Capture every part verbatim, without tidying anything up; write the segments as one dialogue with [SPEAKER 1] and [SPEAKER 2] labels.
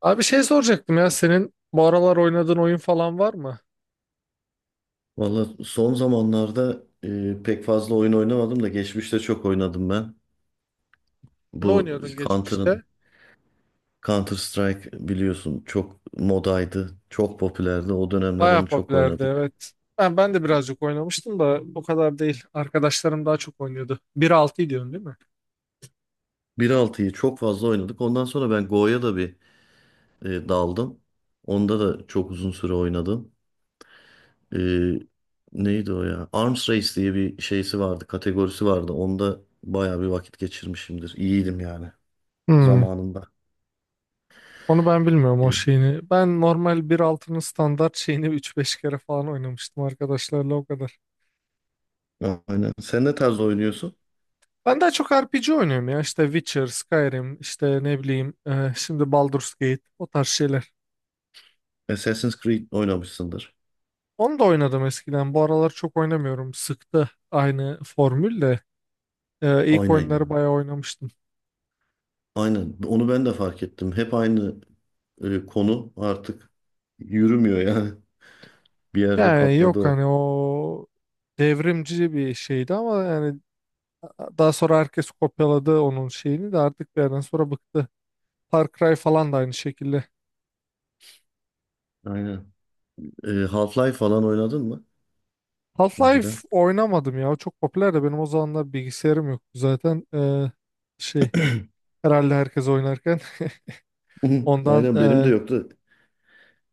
[SPEAKER 1] Abi şey soracaktım ya, senin bu aralar oynadığın oyun falan var mı?
[SPEAKER 2] Valla son zamanlarda e, pek fazla oyun oynamadım da geçmişte çok oynadım ben.
[SPEAKER 1] Ne
[SPEAKER 2] Bu
[SPEAKER 1] oynuyordun geçmişte?
[SPEAKER 2] Counter'ın Counter Strike biliyorsun çok modaydı, çok popülerdi. O dönemler
[SPEAKER 1] Bayağı
[SPEAKER 2] onu çok
[SPEAKER 1] popülerdi,
[SPEAKER 2] oynadık.
[SPEAKER 1] evet. Ben, ben de birazcık oynamıştım da o kadar değil. Arkadaşlarım daha çok oynuyordu. Bir altı diyorsun, değil mi?
[SPEAKER 2] Bir altı'yı çok fazla oynadık. Ondan sonra ben Go'ya da bir e, daldım. Onda da çok uzun süre oynadım. E, neydi o ya? Arms Race diye bir şeysi vardı, kategorisi vardı. Onda bayağı bir vakit geçirmişimdir. İyiydim yani
[SPEAKER 1] Hmm.
[SPEAKER 2] zamanında.
[SPEAKER 1] Onu ben bilmiyorum, o
[SPEAKER 2] E,
[SPEAKER 1] şeyini. Ben normal bir altının standart şeyini üç beş kere falan oynamıştım arkadaşlarla, o kadar.
[SPEAKER 2] aynen. Sen ne tarz oynuyorsun?
[SPEAKER 1] Ben daha çok R P G oynuyorum ya. İşte Witcher, Skyrim, işte ne bileyim, e, şimdi Baldur's Gate, o tarz şeyler.
[SPEAKER 2] Assassin's Creed oynamışsındır.
[SPEAKER 1] Onu da oynadım eskiden. Bu aralar çok oynamıyorum. Sıktı aynı formülle. Ee, ilk
[SPEAKER 2] Aynen
[SPEAKER 1] oyunları
[SPEAKER 2] ya.
[SPEAKER 1] bayağı oynamıştım.
[SPEAKER 2] Aynen. Onu ben de fark ettim. Hep aynı e, konu artık yürümüyor yani. Bir yerde
[SPEAKER 1] Yani
[SPEAKER 2] patladı
[SPEAKER 1] yok,
[SPEAKER 2] o.
[SPEAKER 1] hani o devrimci bir şeydi ama yani daha sonra herkes kopyaladı onun şeyini de artık bir yerden sonra bıktı. Far Cry falan da aynı şekilde.
[SPEAKER 2] Aynen. E, Half-Life falan oynadın mı önceden?
[SPEAKER 1] Half-Life oynamadım ya. O çok popüler de benim o zamanlar bilgisayarım yoktu zaten. Ee, şey, herhalde herkes oynarken ondan,
[SPEAKER 2] Aynen benim de
[SPEAKER 1] e,
[SPEAKER 2] yoktu.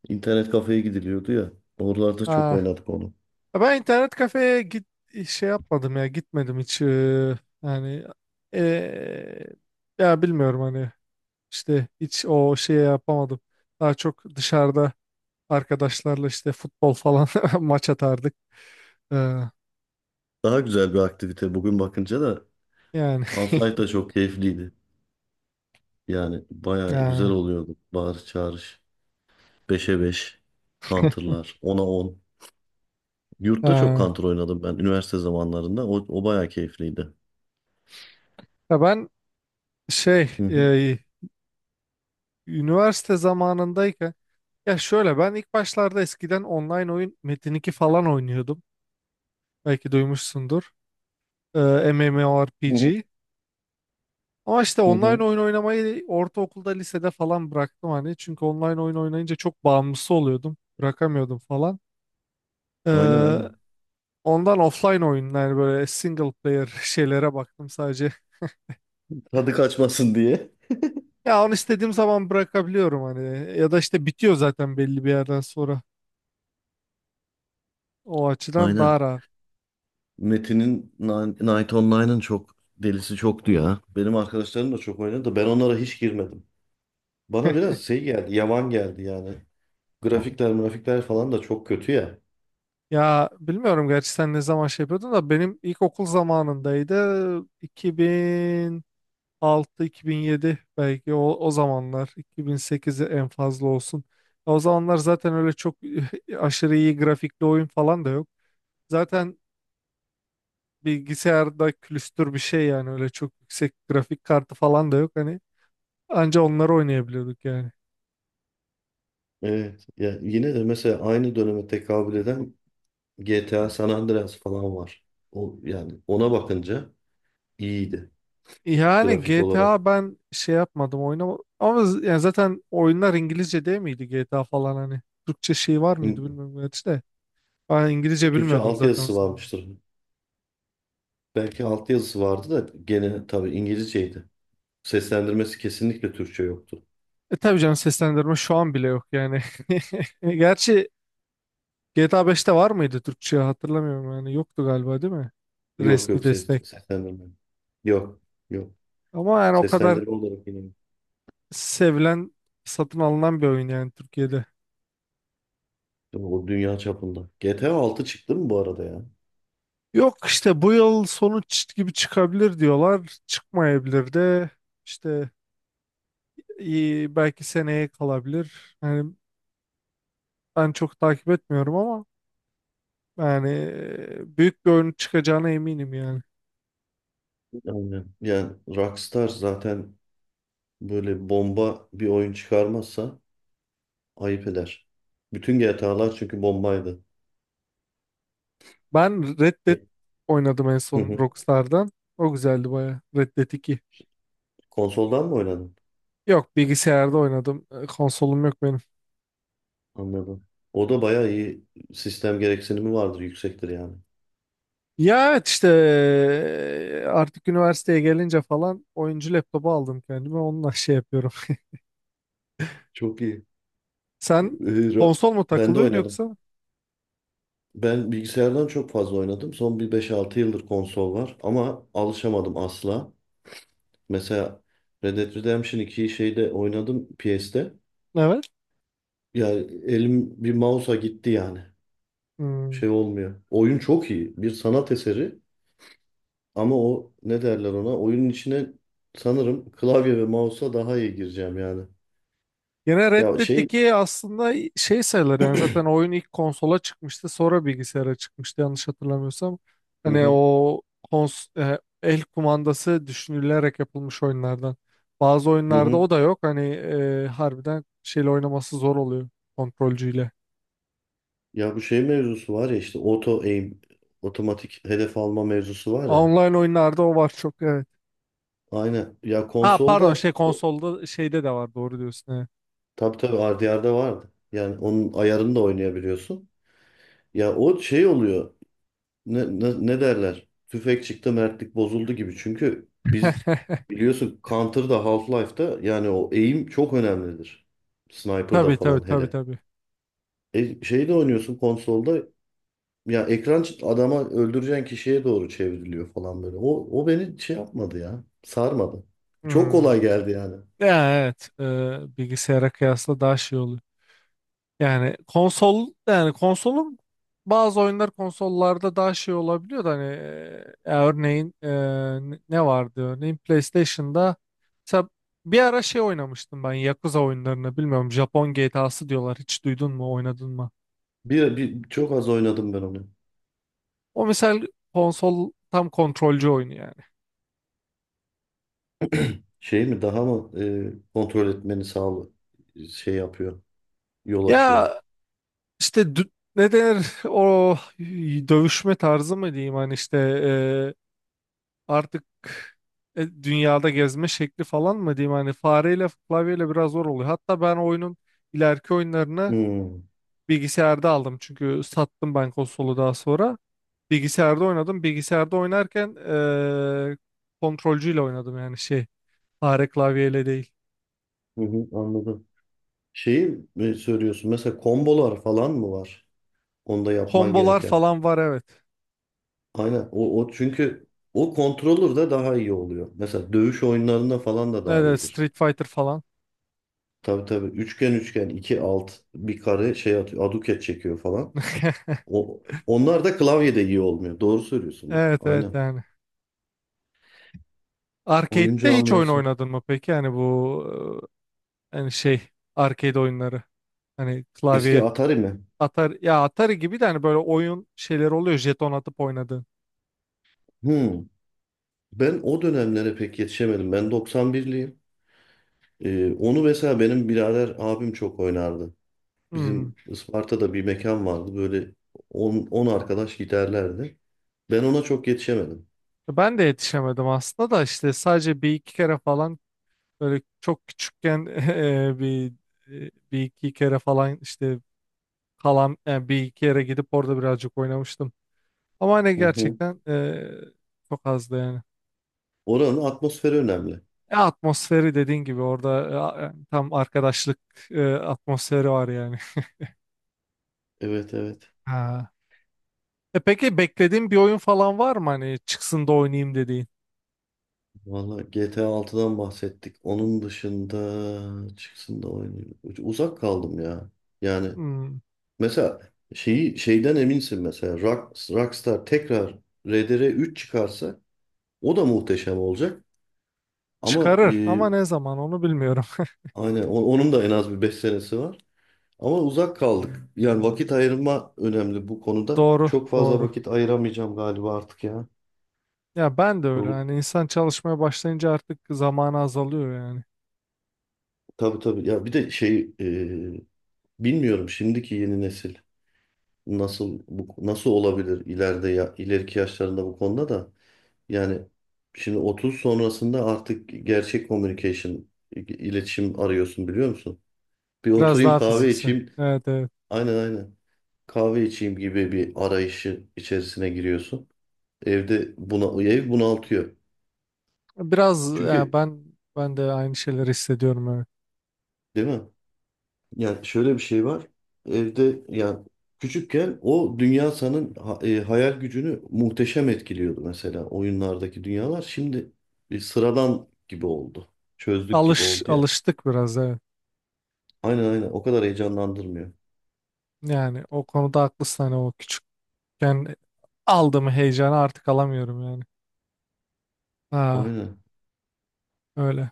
[SPEAKER 2] İnternet kafeye gidiliyordu ya. Oralarda çok
[SPEAKER 1] ha,
[SPEAKER 2] oynadık onu.
[SPEAKER 1] Ben internet kafeye git şey yapmadım ya, gitmedim hiç, eee, yani, eee, ya bilmiyorum, hani işte hiç o şeye yapamadım. Daha çok dışarıda arkadaşlarla işte futbol falan maç atardık. Eee,
[SPEAKER 2] Daha güzel bir aktivite. Bugün bakınca da
[SPEAKER 1] Yani.
[SPEAKER 2] Half-Life da çok keyifliydi. Yani baya güzel
[SPEAKER 1] eee,
[SPEAKER 2] oluyordu. Bağırış çağırış. Beşe beş, Counter'lar. Ona on. Yurtta çok
[SPEAKER 1] eee.
[SPEAKER 2] Counter oynadım ben üniversite zamanlarında. O, o bayağı keyifliydi.
[SPEAKER 1] Ya ben şey,
[SPEAKER 2] Hı hı.
[SPEAKER 1] eee, üniversite zamanındayken, ya şöyle, ben ilk başlarda eskiden online oyun Metin iki falan oynuyordum. Belki duymuşsundur. Eee
[SPEAKER 2] Hı hı.
[SPEAKER 1] M M O R P G. Ama işte
[SPEAKER 2] Hı
[SPEAKER 1] online
[SPEAKER 2] hı.
[SPEAKER 1] oyun oynamayı ortaokulda, lisede falan bıraktım hani. Çünkü online oyun oynayınca çok bağımlısı oluyordum. Bırakamıyordum falan.
[SPEAKER 2] Aynen
[SPEAKER 1] Ee,
[SPEAKER 2] aynen.
[SPEAKER 1] Ondan offline oyunlar, böyle single player şeylere baktım sadece.
[SPEAKER 2] Tadı kaçmasın diye.
[SPEAKER 1] Ya onu istediğim zaman bırakabiliyorum hani. Ya da işte bitiyor zaten belli bir yerden sonra. O açıdan
[SPEAKER 2] Aynen.
[SPEAKER 1] daha rahat.
[SPEAKER 2] Metin'in Ni- Night Online'ın çok delisi çoktu ya. Benim arkadaşlarım da çok oynadı da ben onlara hiç girmedim. Bana biraz şey geldi, yavan geldi yani. Grafikler, grafikler falan da çok kötü ya.
[SPEAKER 1] Ya bilmiyorum gerçi, sen ne zaman şey yapıyordun da benim ilkokul zamanındaydı. iki bin altı iki bin yedi belki, o, o zamanlar, iki bin sekize en fazla olsun. O zamanlar zaten öyle çok aşırı iyi grafikli oyun falan da yok. Zaten bilgisayarda külüstür bir şey yani, öyle çok yüksek grafik kartı falan da yok hani, anca onları oynayabiliyorduk yani.
[SPEAKER 2] Evet. Ya yine de mesela aynı döneme tekabül eden G T A San Andreas falan var. O yani ona bakınca iyiydi
[SPEAKER 1] Yani
[SPEAKER 2] grafik olarak.
[SPEAKER 1] G T A, ben şey yapmadım oynama, ama z- yani zaten oyunlar İngilizce değil miydi, G T A falan hani Türkçe şey var mıydı bilmiyorum gerçi de. Ben İngilizce
[SPEAKER 2] Türkçe
[SPEAKER 1] bilmiyordum zaten o
[SPEAKER 2] altyazısı
[SPEAKER 1] zaman.
[SPEAKER 2] varmıştır. Belki altyazısı vardı da gene tabii İngilizceydi. Seslendirmesi kesinlikle Türkçe yoktu.
[SPEAKER 1] E tabii canım, seslendirme şu an bile yok yani. Gerçi G T A beşte var mıydı Türkçe, hatırlamıyorum yani, yoktu galiba değil mi?
[SPEAKER 2] Yok
[SPEAKER 1] Resmi
[SPEAKER 2] yok ses,
[SPEAKER 1] destek.
[SPEAKER 2] seslendirme. Yok yok.
[SPEAKER 1] Ama yani o kadar
[SPEAKER 2] Seslendirme olarak yine.
[SPEAKER 1] sevilen, satın alınan bir oyun yani Türkiye'de.
[SPEAKER 2] O dünya çapında. G T A altı çıktı mı bu arada ya?
[SPEAKER 1] Yok işte bu yıl sonu çı- gibi çıkabilir diyorlar. Çıkmayabilir de işte, iyi, belki seneye kalabilir. Yani ben çok takip etmiyorum ama yani e, büyük bir oyun çıkacağına eminim yani.
[SPEAKER 2] Yani, yani Rockstar zaten böyle bomba bir oyun çıkarmazsa ayıp eder. Bütün G T A'lar çünkü bombaydı.
[SPEAKER 1] Ben Red Dead
[SPEAKER 2] E,
[SPEAKER 1] oynadım en
[SPEAKER 2] hı
[SPEAKER 1] son
[SPEAKER 2] hı.
[SPEAKER 1] Rockstar'dan. O güzeldi baya. Red Dead iki.
[SPEAKER 2] Konsoldan mı oynadın?
[SPEAKER 1] Yok, bilgisayarda oynadım. E, Konsolum yok benim.
[SPEAKER 2] Anladım. O da bayağı iyi sistem gereksinimi vardır, yüksektir yani.
[SPEAKER 1] Ya evet, işte e, artık üniversiteye gelince falan oyuncu laptopu aldım kendime. Onunla şey yapıyorum.
[SPEAKER 2] Çok iyi.
[SPEAKER 1] Sen
[SPEAKER 2] Ee, ra-
[SPEAKER 1] konsol mu
[SPEAKER 2] ben de
[SPEAKER 1] takılıyorsun
[SPEAKER 2] oynadım.
[SPEAKER 1] yoksa?
[SPEAKER 2] Ben bilgisayardan çok fazla oynadım. Son bir beş altı yıldır konsol var ama alışamadım asla. Mesela Red Dead Redemption ikiyi şeyde oynadım P S'te.
[SPEAKER 1] Evet.
[SPEAKER 2] Yani elim bir mouse'a gitti yani.
[SPEAKER 1] Hmm.
[SPEAKER 2] Şey olmuyor. Oyun çok iyi. Bir sanat eseri ama o ne derler ona? Oyunun içine sanırım klavye ve mouse'a daha iyi gireceğim yani.
[SPEAKER 1] Yine Red
[SPEAKER 2] Ya
[SPEAKER 1] Dead
[SPEAKER 2] şey
[SPEAKER 1] iki aslında şey sayılır yani, zaten oyun ilk konsola çıkmıştı, sonra bilgisayara çıkmıştı yanlış hatırlamıyorsam.
[SPEAKER 2] hı
[SPEAKER 1] Hani
[SPEAKER 2] hı,
[SPEAKER 1] o kons e, el kumandası düşünülerek yapılmış oyunlardan. Bazı
[SPEAKER 2] hı
[SPEAKER 1] oyunlarda
[SPEAKER 2] hı.
[SPEAKER 1] o da yok hani, e, harbiden şeyle oynaması zor oluyor, kontrolcüyle.
[SPEAKER 2] Ya bu şey mevzusu var ya işte auto aim, otomatik hedef alma mevzusu var ya.
[SPEAKER 1] Online oyunlarda o var çok, evet.
[SPEAKER 2] Aynen. Ya
[SPEAKER 1] Ha pardon,
[SPEAKER 2] konsolda
[SPEAKER 1] şey,
[SPEAKER 2] o,
[SPEAKER 1] konsolda şeyde de var, doğru diyorsun.
[SPEAKER 2] tabii tabii R D R'da vardı. Yani onun ayarını da oynayabiliyorsun. Ya o şey oluyor. Ne, ne, ne derler? Tüfek çıktı, mertlik bozuldu gibi. Çünkü biz
[SPEAKER 1] Evet.
[SPEAKER 2] biliyorsun Counter'da, Half-Life'da yani o aim çok önemlidir. Sniper'da
[SPEAKER 1] Tabii tabii
[SPEAKER 2] falan
[SPEAKER 1] tabii
[SPEAKER 2] hele.
[SPEAKER 1] tabii.
[SPEAKER 2] E, şeyde oynuyorsun konsolda. Ya ekran çı- adama öldüreceğin kişiye doğru çevriliyor falan böyle. O, o beni şey yapmadı ya. Sarmadı. Çok
[SPEAKER 1] Hmm.
[SPEAKER 2] kolay geldi yani.
[SPEAKER 1] Ya, evet, e, bilgisayara kıyasla daha şey oluyor. Yani konsol, yani konsolun bazı oyunlar konsollarda daha şey olabiliyor da hani, e, örneğin, e, ne ne vardı örneğin, PlayStation'da mesela bir ara şey oynamıştım, ben Yakuza oyunlarını bilmiyorum, Japon G T A'sı diyorlar, hiç duydun mu, oynadın mı?
[SPEAKER 2] Bir, bir çok az oynadım ben onu.
[SPEAKER 1] O mesela konsol tam kontrolcü oyunu yani.
[SPEAKER 2] Şey mi daha mı e, kontrol etmeni sağlı şey yapıyor. Yol
[SPEAKER 1] Ya
[SPEAKER 2] açıyor.
[SPEAKER 1] işte dü- ne denir, o dövüşme tarzı mı diyeyim, hani işte, e, artık, e, dünyada gezme şekli falan mı diyeyim, hani fareyle klavyeyle biraz zor oluyor. Hatta ben oyunun ileriki oyunlarını
[SPEAKER 2] Hmm.
[SPEAKER 1] bilgisayarda aldım, çünkü sattım ben konsolu daha sonra. Bilgisayarda oynadım. Bilgisayarda oynarken e, kontrolcüyle oynadım yani, şey, fare klavyeyle değil.
[SPEAKER 2] Hı hı, anladım. Şeyi mi söylüyorsun? Mesela kombolar falan mı var? Onda yapman
[SPEAKER 1] Kombolar
[SPEAKER 2] gereken.
[SPEAKER 1] falan var, evet.
[SPEAKER 2] Aynen. O, o çünkü o kontrolür de daha iyi oluyor. Mesela dövüş oyunlarında falan da
[SPEAKER 1] Evet
[SPEAKER 2] daha
[SPEAKER 1] evet,
[SPEAKER 2] iyidir.
[SPEAKER 1] Street Fighter falan.
[SPEAKER 2] Tabii tabii. Üçgen üçgen iki alt bir kare şey atıyor. Aduket çekiyor falan. O, onlar da klavyede iyi olmuyor. Doğru söylüyorsun bak.
[SPEAKER 1] Evet evet
[SPEAKER 2] Aynen.
[SPEAKER 1] yani.
[SPEAKER 2] Oyun
[SPEAKER 1] Arcade'de hiç oyun
[SPEAKER 2] camiası.
[SPEAKER 1] oynadın mı peki? Yani bu, e, hani şey, arcade oyunları. Hani
[SPEAKER 2] Eski
[SPEAKER 1] klavye,
[SPEAKER 2] Atari mi?
[SPEAKER 1] Atari, ya Atari gibi de hani, böyle oyun şeyleri oluyor jeton atıp oynadığın.
[SPEAKER 2] Hmm. Ben o dönemlere pek yetişemedim. Ben doksan birliyim. Ee, onu mesela benim birader abim çok oynardı.
[SPEAKER 1] Hmm.
[SPEAKER 2] Bizim Isparta'da bir mekan vardı. Böyle on on arkadaş giderlerdi. Ben ona çok yetişemedim.
[SPEAKER 1] Ben de yetişemedim aslında da, işte sadece bir iki kere falan böyle çok küçükken eee, bir e, bir iki kere falan işte kalan, yani bir iki yere gidip orada birazcık oynamıştım. Ama hani
[SPEAKER 2] Hı hı.
[SPEAKER 1] gerçekten, eee, çok azdı yani.
[SPEAKER 2] Oranın atmosferi önemli.
[SPEAKER 1] E, atmosferi dediğin gibi orada, e, a- yani tam arkadaşlık, e, atmosferi var yani.
[SPEAKER 2] Evet evet.
[SPEAKER 1] Ha. E peki beklediğin bir oyun falan var mı hani, çıksın da oynayayım dediğin?
[SPEAKER 2] Valla G T A altıdan bahsettik. Onun dışında çıksın da oynayayım. Uzak kaldım ya. Yani
[SPEAKER 1] Hmm.
[SPEAKER 2] mesela şeyi şeyden eminsin mesela Rock, Rockstar tekrar R D R üç çıkarsa o da muhteşem olacak. Ama
[SPEAKER 1] Çıkarır
[SPEAKER 2] e,
[SPEAKER 1] ama ne zaman, onu bilmiyorum.
[SPEAKER 2] aynen o- onun da en az bir beş senesi var. Ama uzak kaldık. Yani vakit ayırma önemli bu konuda.
[SPEAKER 1] Doğru,
[SPEAKER 2] Çok fazla
[SPEAKER 1] doğru.
[SPEAKER 2] vakit ayıramayacağım galiba artık ya.
[SPEAKER 1] Ya ben de öyle.
[SPEAKER 2] Yolu,
[SPEAKER 1] Yani insan çalışmaya başlayınca artık zamanı azalıyor yani.
[SPEAKER 2] tabii tabii. Ya bir de şey e, bilmiyorum şimdiki yeni nesil. nasıl bu nasıl olabilir ileride ya, ileriki yaşlarında bu konuda da yani şimdi otuz sonrasında artık gerçek communication i- iletişim arıyorsun biliyor musun? Bir
[SPEAKER 1] Biraz
[SPEAKER 2] oturayım
[SPEAKER 1] daha
[SPEAKER 2] kahve
[SPEAKER 1] fiziksel.
[SPEAKER 2] içeyim.
[SPEAKER 1] Evet, evet.
[SPEAKER 2] Aynen aynen. Kahve içeyim gibi bir arayışı içerisine giriyorsun. Evde buna ev bunaltıyor.
[SPEAKER 1] Biraz ya,
[SPEAKER 2] Çünkü
[SPEAKER 1] ben ben de aynı şeyleri hissediyorum, evet.
[SPEAKER 2] değil mi? Yani şöyle bir şey var. Evde yani küçükken o dünya sanın ha- e, hayal gücünü muhteşem etkiliyordu mesela oyunlardaki dünyalar. Şimdi bir sıradan gibi oldu. Çözdük gibi
[SPEAKER 1] Alış
[SPEAKER 2] oldu ya.
[SPEAKER 1] alıştık biraz, evet.
[SPEAKER 2] Aynen aynen o kadar heyecanlandırmıyor.
[SPEAKER 1] Yani o konuda haklısın, hani o küçükken aldığım heyecanı artık alamıyorum yani. Ha,
[SPEAKER 2] Aynen.
[SPEAKER 1] öyle.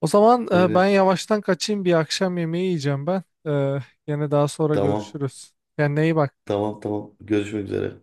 [SPEAKER 1] O zaman, e, ben
[SPEAKER 2] Evet.
[SPEAKER 1] yavaştan kaçayım, bir akşam yemeği yiyeceğim ben. E, yine daha sonra
[SPEAKER 2] Tamam.
[SPEAKER 1] görüşürüz. Kendine iyi bak.
[SPEAKER 2] Tamam tamam. Görüşmek üzere.